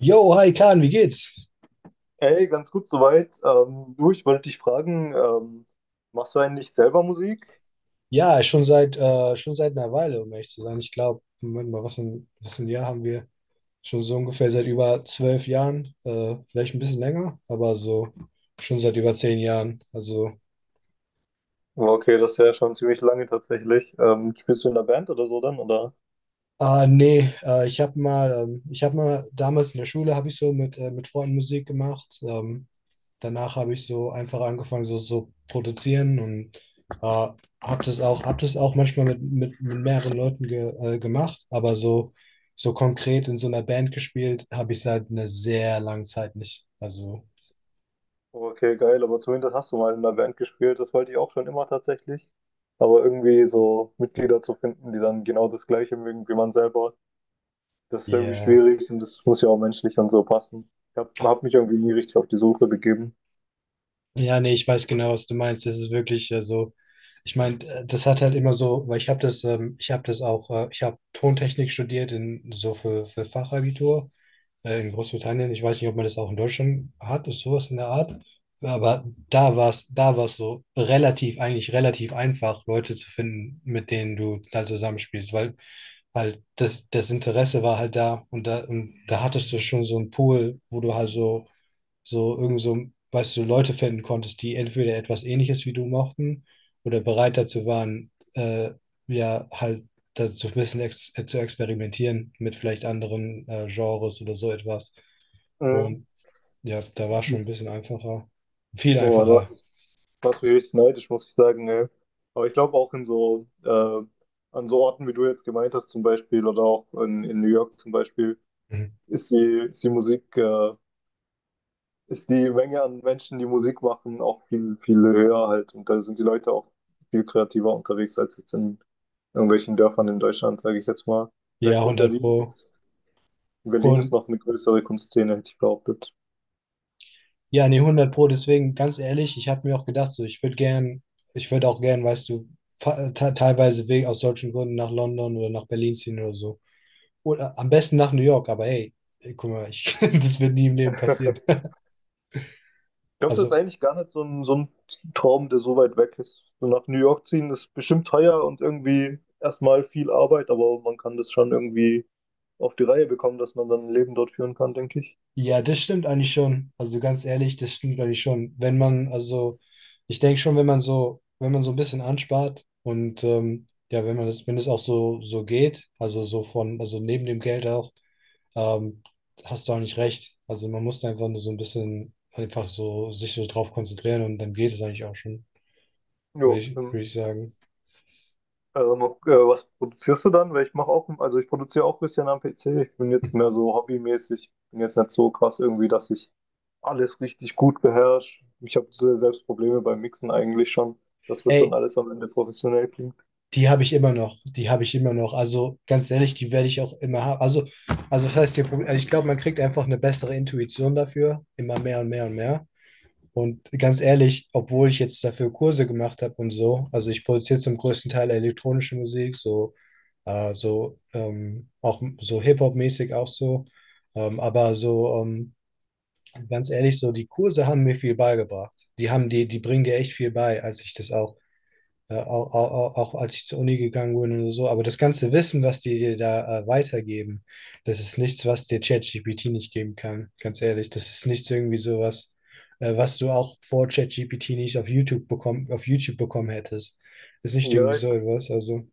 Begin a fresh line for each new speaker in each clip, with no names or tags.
Yo, hi Kahn, wie geht's?
Hey, ganz gut soweit. Du, ich wollte dich fragen, machst du eigentlich selber Musik?
Ja, schon seit einer Weile, um ehrlich zu sein. Ich glaube, Moment mal, was ein Jahr haben wir? Schon so ungefähr seit über zwölf Jahren, vielleicht ein bisschen länger, aber so schon seit über zehn Jahren. Also,
Oh, okay, das ist ja schon ziemlich lange tatsächlich. Spielst du in einer Band oder so dann, oder?
ah nee, ich habe mal damals in der Schule habe ich so mit Freunden Musik gemacht. Danach habe ich so einfach angefangen, so produzieren und äh, hab das auch manchmal mit mehreren Leuten gemacht, aber so konkret in so einer Band gespielt, habe ich seit einer sehr langen Zeit nicht. Also,
Oh, okay, geil, aber zumindest hast du mal in einer Band gespielt. Das wollte ich auch schon immer tatsächlich. Aber irgendwie so Mitglieder zu finden, die dann genau das Gleiche mögen wie man selber, das ist irgendwie
yeah.
schwierig und das muss ja auch menschlich und so passen. Ich hab mich irgendwie nie richtig auf die Suche begeben.
Ja, nee, ich weiß genau, was du meinst. Das ist wirklich so. Ich meine, das hat halt immer so, weil ich habe Tontechnik studiert in so für Fachabitur in Großbritannien, ich weiß nicht, ob man das auch in Deutschland hat, ist sowas in der Art. Aber da war es so eigentlich relativ einfach, Leute zu finden, mit denen du da zusammenspielst, weil halt das Interesse war halt da, und da hattest du schon so einen Pool, wo du halt so irgend so, weißt du, Leute finden konntest, die entweder etwas Ähnliches wie du mochten oder bereit dazu waren, ja, halt dazu ein bisschen ex zu experimentieren mit vielleicht anderen Genres oder so etwas.
Mhm.
Und ja, da war schon ein bisschen einfacher. Viel
Oh, du
einfacher.
hast was mich richtig neidisch, muss ich sagen, ne? Aber ich glaube auch in so, an so Orten, wie du jetzt gemeint hast, zum Beispiel, oder auch in New York zum Beispiel,
Mhm.
ist die Musik, ist die Menge an Menschen, die Musik machen, auch viel, viel höher halt. Und da sind die Leute auch viel kreativer unterwegs als jetzt in irgendwelchen Dörfern in Deutschland, sage ich jetzt mal.
Ja,
Vielleicht in
hundert
Berlin
Pro.
gibt's, in Berlin ist
Und
noch eine größere Kunstszene, hätte ich behauptet.
ja, nee, hundert Pro, deswegen ganz ehrlich, ich habe mir auch gedacht, so, ich würde auch gern, weißt du, teilweise wegen aus solchen Gründen nach London oder nach Berlin ziehen oder so. Oder am besten nach New York, aber hey, ey, guck mal, das wird nie im Leben passieren.
Glaube, das ist
Also,
eigentlich gar nicht so ein Traum, der so weit weg ist. So nach New York ziehen ist bestimmt teuer und irgendwie erstmal viel Arbeit, aber man kann das schon irgendwie auf die Reihe bekommen, dass man dann ein Leben dort führen kann, denke ich.
ja, das stimmt eigentlich schon. Also ganz ehrlich, das stimmt eigentlich schon. Wenn man, also, ich denke schon, wenn man so ein bisschen anspart und ja, wenn man das, wenn es auch so geht, also also neben dem Geld auch. ähm, Hast du eigentlich recht. Also man muss da einfach nur so ein bisschen einfach so sich so drauf konzentrieren und dann geht es eigentlich auch schon,
Jo,
würde ich sagen.
was produzierst du dann? Weil ich mache auch, also ich produziere auch ein bisschen am PC. Ich bin jetzt mehr so hobbymäßig, bin jetzt nicht so krass irgendwie, dass ich alles richtig gut beherrsche. Ich habe selbst Probleme beim Mixen eigentlich schon, dass das dann
Ey,
alles am Ende professionell klingt.
die habe ich immer noch, die habe ich immer noch. Also ganz ehrlich, die werde ich auch immer haben. Also, das heißt, also ich glaube, man kriegt einfach eine bessere Intuition dafür, immer mehr und mehr und mehr. Und ganz ehrlich, obwohl ich jetzt dafür Kurse gemacht habe und so, also ich produziere zum größten Teil elektronische Musik, auch so Hip-Hop-mäßig auch so. Aber so, ganz ehrlich, so die Kurse haben mir viel beigebracht. Die bringen dir echt viel bei, als ich das auch, als ich zur Uni gegangen bin und so. Aber das ganze Wissen, was die dir da weitergeben, das ist nichts, was dir ChatGPT nicht geben kann. Ganz ehrlich, das ist nichts irgendwie sowas, was du auch vor ChatGPT nicht auf YouTube bekommen hättest. Das ist nicht irgendwie
Ja, ich
so etwas. Also,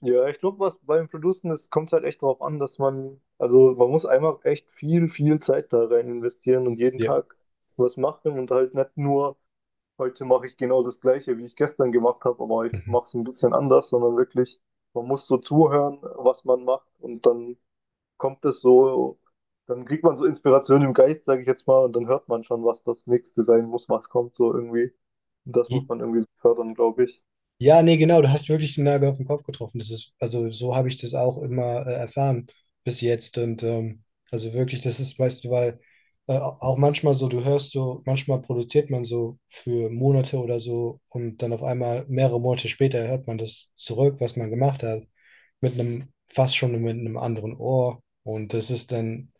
ja, ich glaube, was beim Producen ist, kommt es halt echt darauf an, dass man, also man muss einfach echt viel, viel Zeit da rein investieren und jeden
ja.
Tag was machen und halt nicht nur, heute mache ich genau das Gleiche, wie ich gestern gemacht habe, aber ich
Mhm.
mache es ein bisschen anders, sondern wirklich, man muss so zuhören, was man macht und dann kommt es so, dann kriegt man so Inspiration im Geist, sage ich jetzt mal, und dann hört man schon, was das nächste sein muss, was kommt so irgendwie. Und das muss man irgendwie so fördern, glaube ich.
Ja, nee, genau, du hast wirklich den Nagel auf den Kopf getroffen. Also so habe ich das auch immer erfahren bis jetzt. Und also wirklich, das ist, weißt du, weil auch manchmal so, du hörst so, manchmal produziert man so für Monate oder so und dann auf einmal mehrere Monate später hört man das zurück, was man gemacht hat, mit fast schon mit einem anderen Ohr. Und das ist dann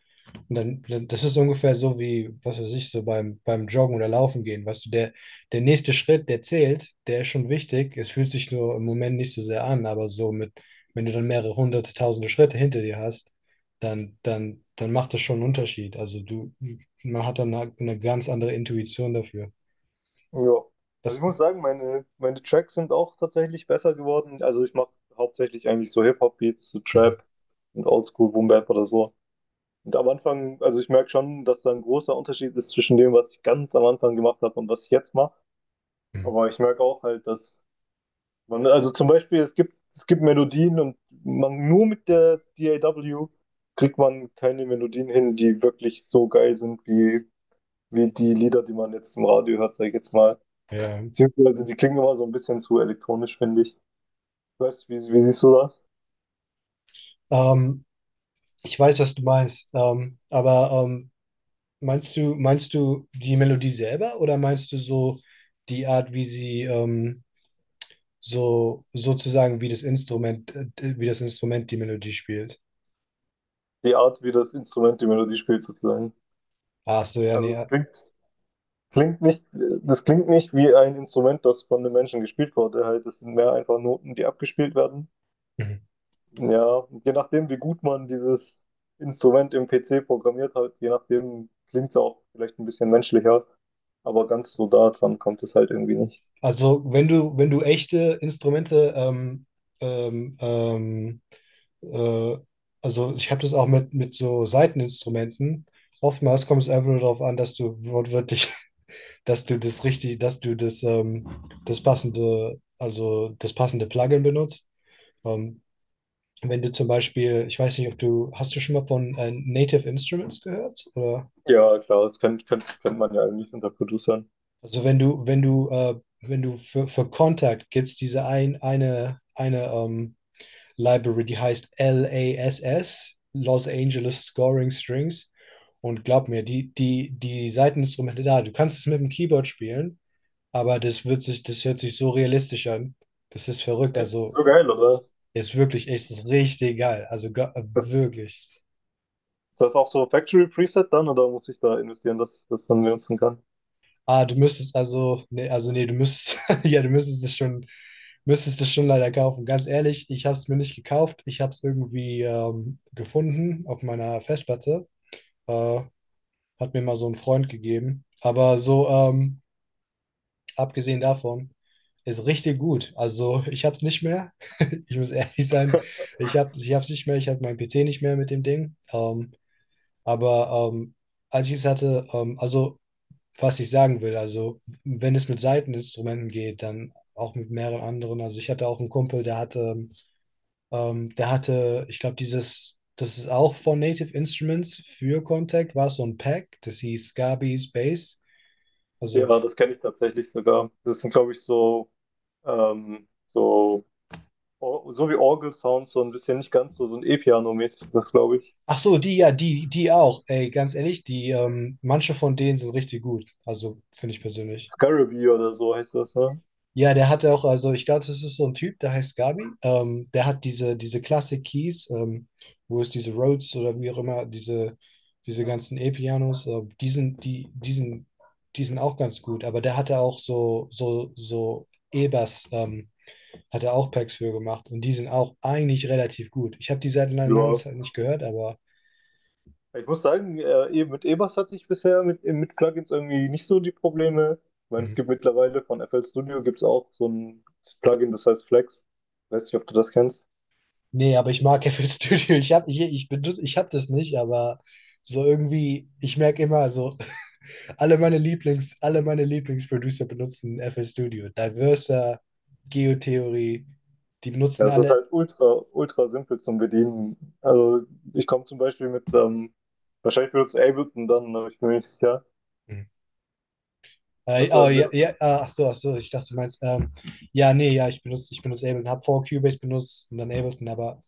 das ist ungefähr so wie, was weiß ich, so beim Joggen oder Laufen gehen. Weißt du, der nächste Schritt, der zählt, der ist schon wichtig. Es fühlt sich nur im Moment nicht so sehr an, aber wenn du dann mehrere hunderte, tausende Schritte hinter dir hast, dann macht das schon einen Unterschied. Also man hat dann eine ganz andere Intuition dafür.
Ja, also ich
Das,
muss sagen, meine Tracks sind auch tatsächlich besser geworden. Also ich mache hauptsächlich eigentlich so Hip-Hop-Beats, so
Mhm.
Trap und Oldschool Boom Bap oder so. Und am Anfang, also ich merke schon, dass da ein großer Unterschied ist zwischen dem, was ich ganz am Anfang gemacht habe und was ich jetzt mache.
Mhm.
Aber ich merke auch halt, dass man, also zum Beispiel, es gibt Melodien und man nur mit der DAW kriegt man keine Melodien hin, die wirklich so geil sind wie, wie die Lieder, die man jetzt im Radio hört, sag ich jetzt mal.
Ja.
Beziehungsweise die klingen immer so ein bisschen zu elektronisch, finde ich. Weißt du, wie, wie siehst du das?
Ähm, Ich weiß, was du meinst, aber meinst du die Melodie selber oder meinst du so die Art, wie sie so sozusagen wie das wie das Instrument die Melodie spielt?
Die Art, wie das Instrument die Melodie spielt, sozusagen.
Ach so, ja, nee.
Also es
Ja.
klingt, klingt nicht, das klingt nicht wie ein Instrument, das von einem Menschen gespielt wurde. Halt, das sind mehr einfach Noten, die abgespielt werden.
Mhm.
Ja, je nachdem, wie gut man dieses Instrument im PC programmiert hat, je nachdem klingt es auch vielleicht ein bisschen menschlicher. Aber ganz so da dran kommt es halt irgendwie nicht.
Also wenn du echte Instrumente, ähm, ähm, äh, also ich habe das auch mit so Saiteninstrumenten. Oftmals kommt es einfach nur darauf an, dass du wortwörtlich, dass du das richtig, dass du das, ähm, das passende Plugin benutzt. Ähm, Wenn du zum Beispiel, ich weiß nicht, hast du schon mal von Native Instruments gehört? Oder?
Ja, klar, das kennt man ja eigentlich unter Producern.
Also wenn du für Kontakt gibst, diese eine Library, die heißt LASS, Los Angeles Scoring Strings. Und glaub mir, die Saiteninstrumente da, du kannst es mit dem Keyboard spielen, aber das hört sich so realistisch an. Das ist verrückt.
Echt?
Also
So geil, oder?
ist wirklich, ist richtig geil. Also
Das
wirklich.
ist das auch so Factory Preset dann oder muss ich da investieren, dass ich das dann benutzen kann?
Ah, nee, also nee, du müsstest, ja, du müsstest es schon leider kaufen. Ganz ehrlich, ich habe es mir nicht gekauft. Ich habe es irgendwie gefunden auf meiner Festplatte. Äh, Hat mir mal so ein Freund gegeben. Aber so, abgesehen davon, ist richtig gut. Also ich habe es nicht mehr. Ich muss ehrlich sein, ich hab's nicht mehr. Ich habe meinen PC nicht mehr mit dem Ding. Aber als ich es hatte, also was ich sagen will. Also, wenn es mit Seiteninstrumenten geht, dann auch mit mehreren anderen. Also, ich hatte auch einen Kumpel, der hatte, ich glaube, das ist auch von Native Instruments für Contact, war so ein Pack, das hieß Scabies Bass. Also,
Ja, das kenne ich tatsächlich sogar. Das sind, glaube ich, so, so, so wie Orgel-Sounds, so ein bisschen nicht ganz so, so ein E-Piano-mäßig ist das, glaube ich.
ach so, die auch. Ey, ganz ehrlich, manche von denen sind richtig gut. Also, finde ich persönlich.
Scarabee oder so heißt das, ne?
Ja, der hatte auch, also ich glaube, das ist so ein Typ, der heißt Gabi. Der hat diese Classic Keys, wo es diese Rhodes oder wie auch immer, diese ganzen E-Pianos, die sind auch ganz gut, aber der hatte auch so E-Bass, hat er auch Packs für gemacht und die sind auch eigentlich relativ gut. Ich habe die seit einer langen
Ja.
Zeit nicht gehört, aber
Ich muss sagen, eben mit E-Bass hatte ich bisher mit Plugins irgendwie nicht so die Probleme. Ich meine, es
mhm.
gibt mittlerweile von FL Studio gibt's auch so ein Plugin, das heißt Flex. Weiß nicht, ob du das kennst.
Nee, aber ich mag FL Studio. Ich habe ich, ich benutze, Ich habe das nicht, aber so irgendwie, ich merke immer so, alle meine Lieblingsproducer benutzen FL Studio. Diverser, Geotheorie, die
Ja,
benutzen
es ist
alle.
halt ultra, ultra simpel zum Bedienen. Also ich komme zum Beispiel mit, wahrscheinlich benutzt du Ableton dann, aber ich bin mir nicht sicher.
Hm.
Was,
Oh,
du-
ja,
benutzt-
ja, ah, ach so, ich dachte, du meinst, ja, nee, ja, ich benutze Ableton, habe vor Cubase benutzt und dann Ableton, aber,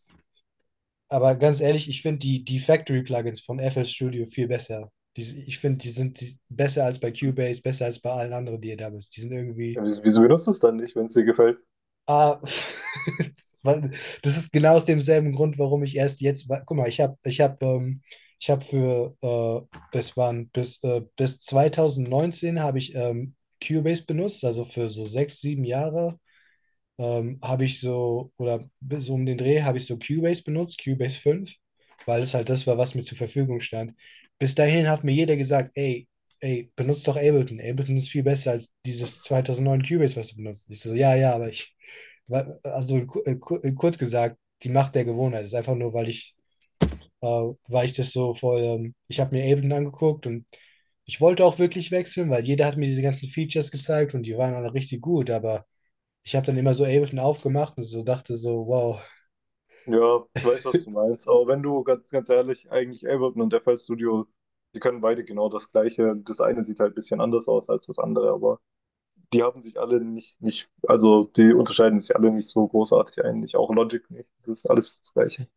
aber ganz ehrlich, ich finde die Factory-Plugins von FL Studio viel besser. Die, ich finde, die sind besser als bei Cubase, besser als bei allen anderen, die ihr da bist. Die sind
ja,
irgendwie,
wieso benutzt du es dann nicht, wenn es dir gefällt?
Ah, weil das ist genau aus demselben Grund, warum ich erst jetzt, guck mal, ich habe, ich habe, ich habe für, das waren bis 2019 habe ich Cubase benutzt, also für so sechs, sieben Jahre oder bis so um den Dreh habe ich so Cubase benutzt, Cubase 5, weil es halt das war, was mir zur Verfügung stand. Bis dahin hat mir jeder gesagt, ey, benutzt doch Ableton. Ableton ist viel besser als dieses 2009 Cubase, was du benutzt. Ich so, ja, ja, Also kurz gesagt, die Macht der Gewohnheit ist einfach nur, äh, weil ich das so voll, ich habe mir Ableton angeguckt und ich wollte auch wirklich wechseln, weil jeder hat mir diese ganzen Features gezeigt und die waren alle richtig gut, aber ich habe dann immer so Ableton aufgemacht und so dachte so, wow,
Ja, ich weiß, was du meinst. Aber wenn du ganz, ganz ehrlich, eigentlich Ableton und FL Studio, die können beide genau das Gleiche. Das eine sieht halt ein bisschen anders aus als das andere, aber die haben sich alle nicht, nicht, also die unterscheiden sich alle nicht so großartig eigentlich. Auch Logic nicht. Das ist alles das Gleiche.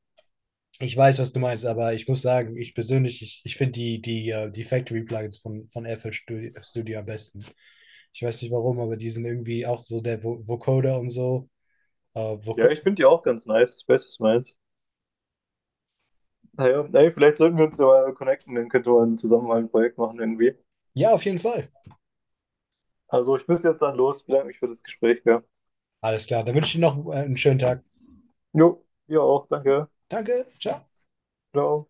ich weiß, was du meinst, aber ich muss sagen, ich persönlich, ich finde die Factory-Plugins von FL Studio, am besten. Ich weiß nicht warum, aber die sind irgendwie auch so der Vo Vocoder und so.
Ja,
Voco
ich finde die auch ganz nice. Ich weiß, was du meinst. Naja, ey, vielleicht sollten wir uns ja mal connecten, dann könnte man zusammen mal ein Projekt machen irgendwie.
Ja, auf jeden Fall.
Also ich muss jetzt dann los, bedanke mich für das Gespräch, gell?
Alles klar, dann wünsche ich dir noch einen schönen Tag.
Jo, ihr auch, danke.
Danke, ciao.
Ciao.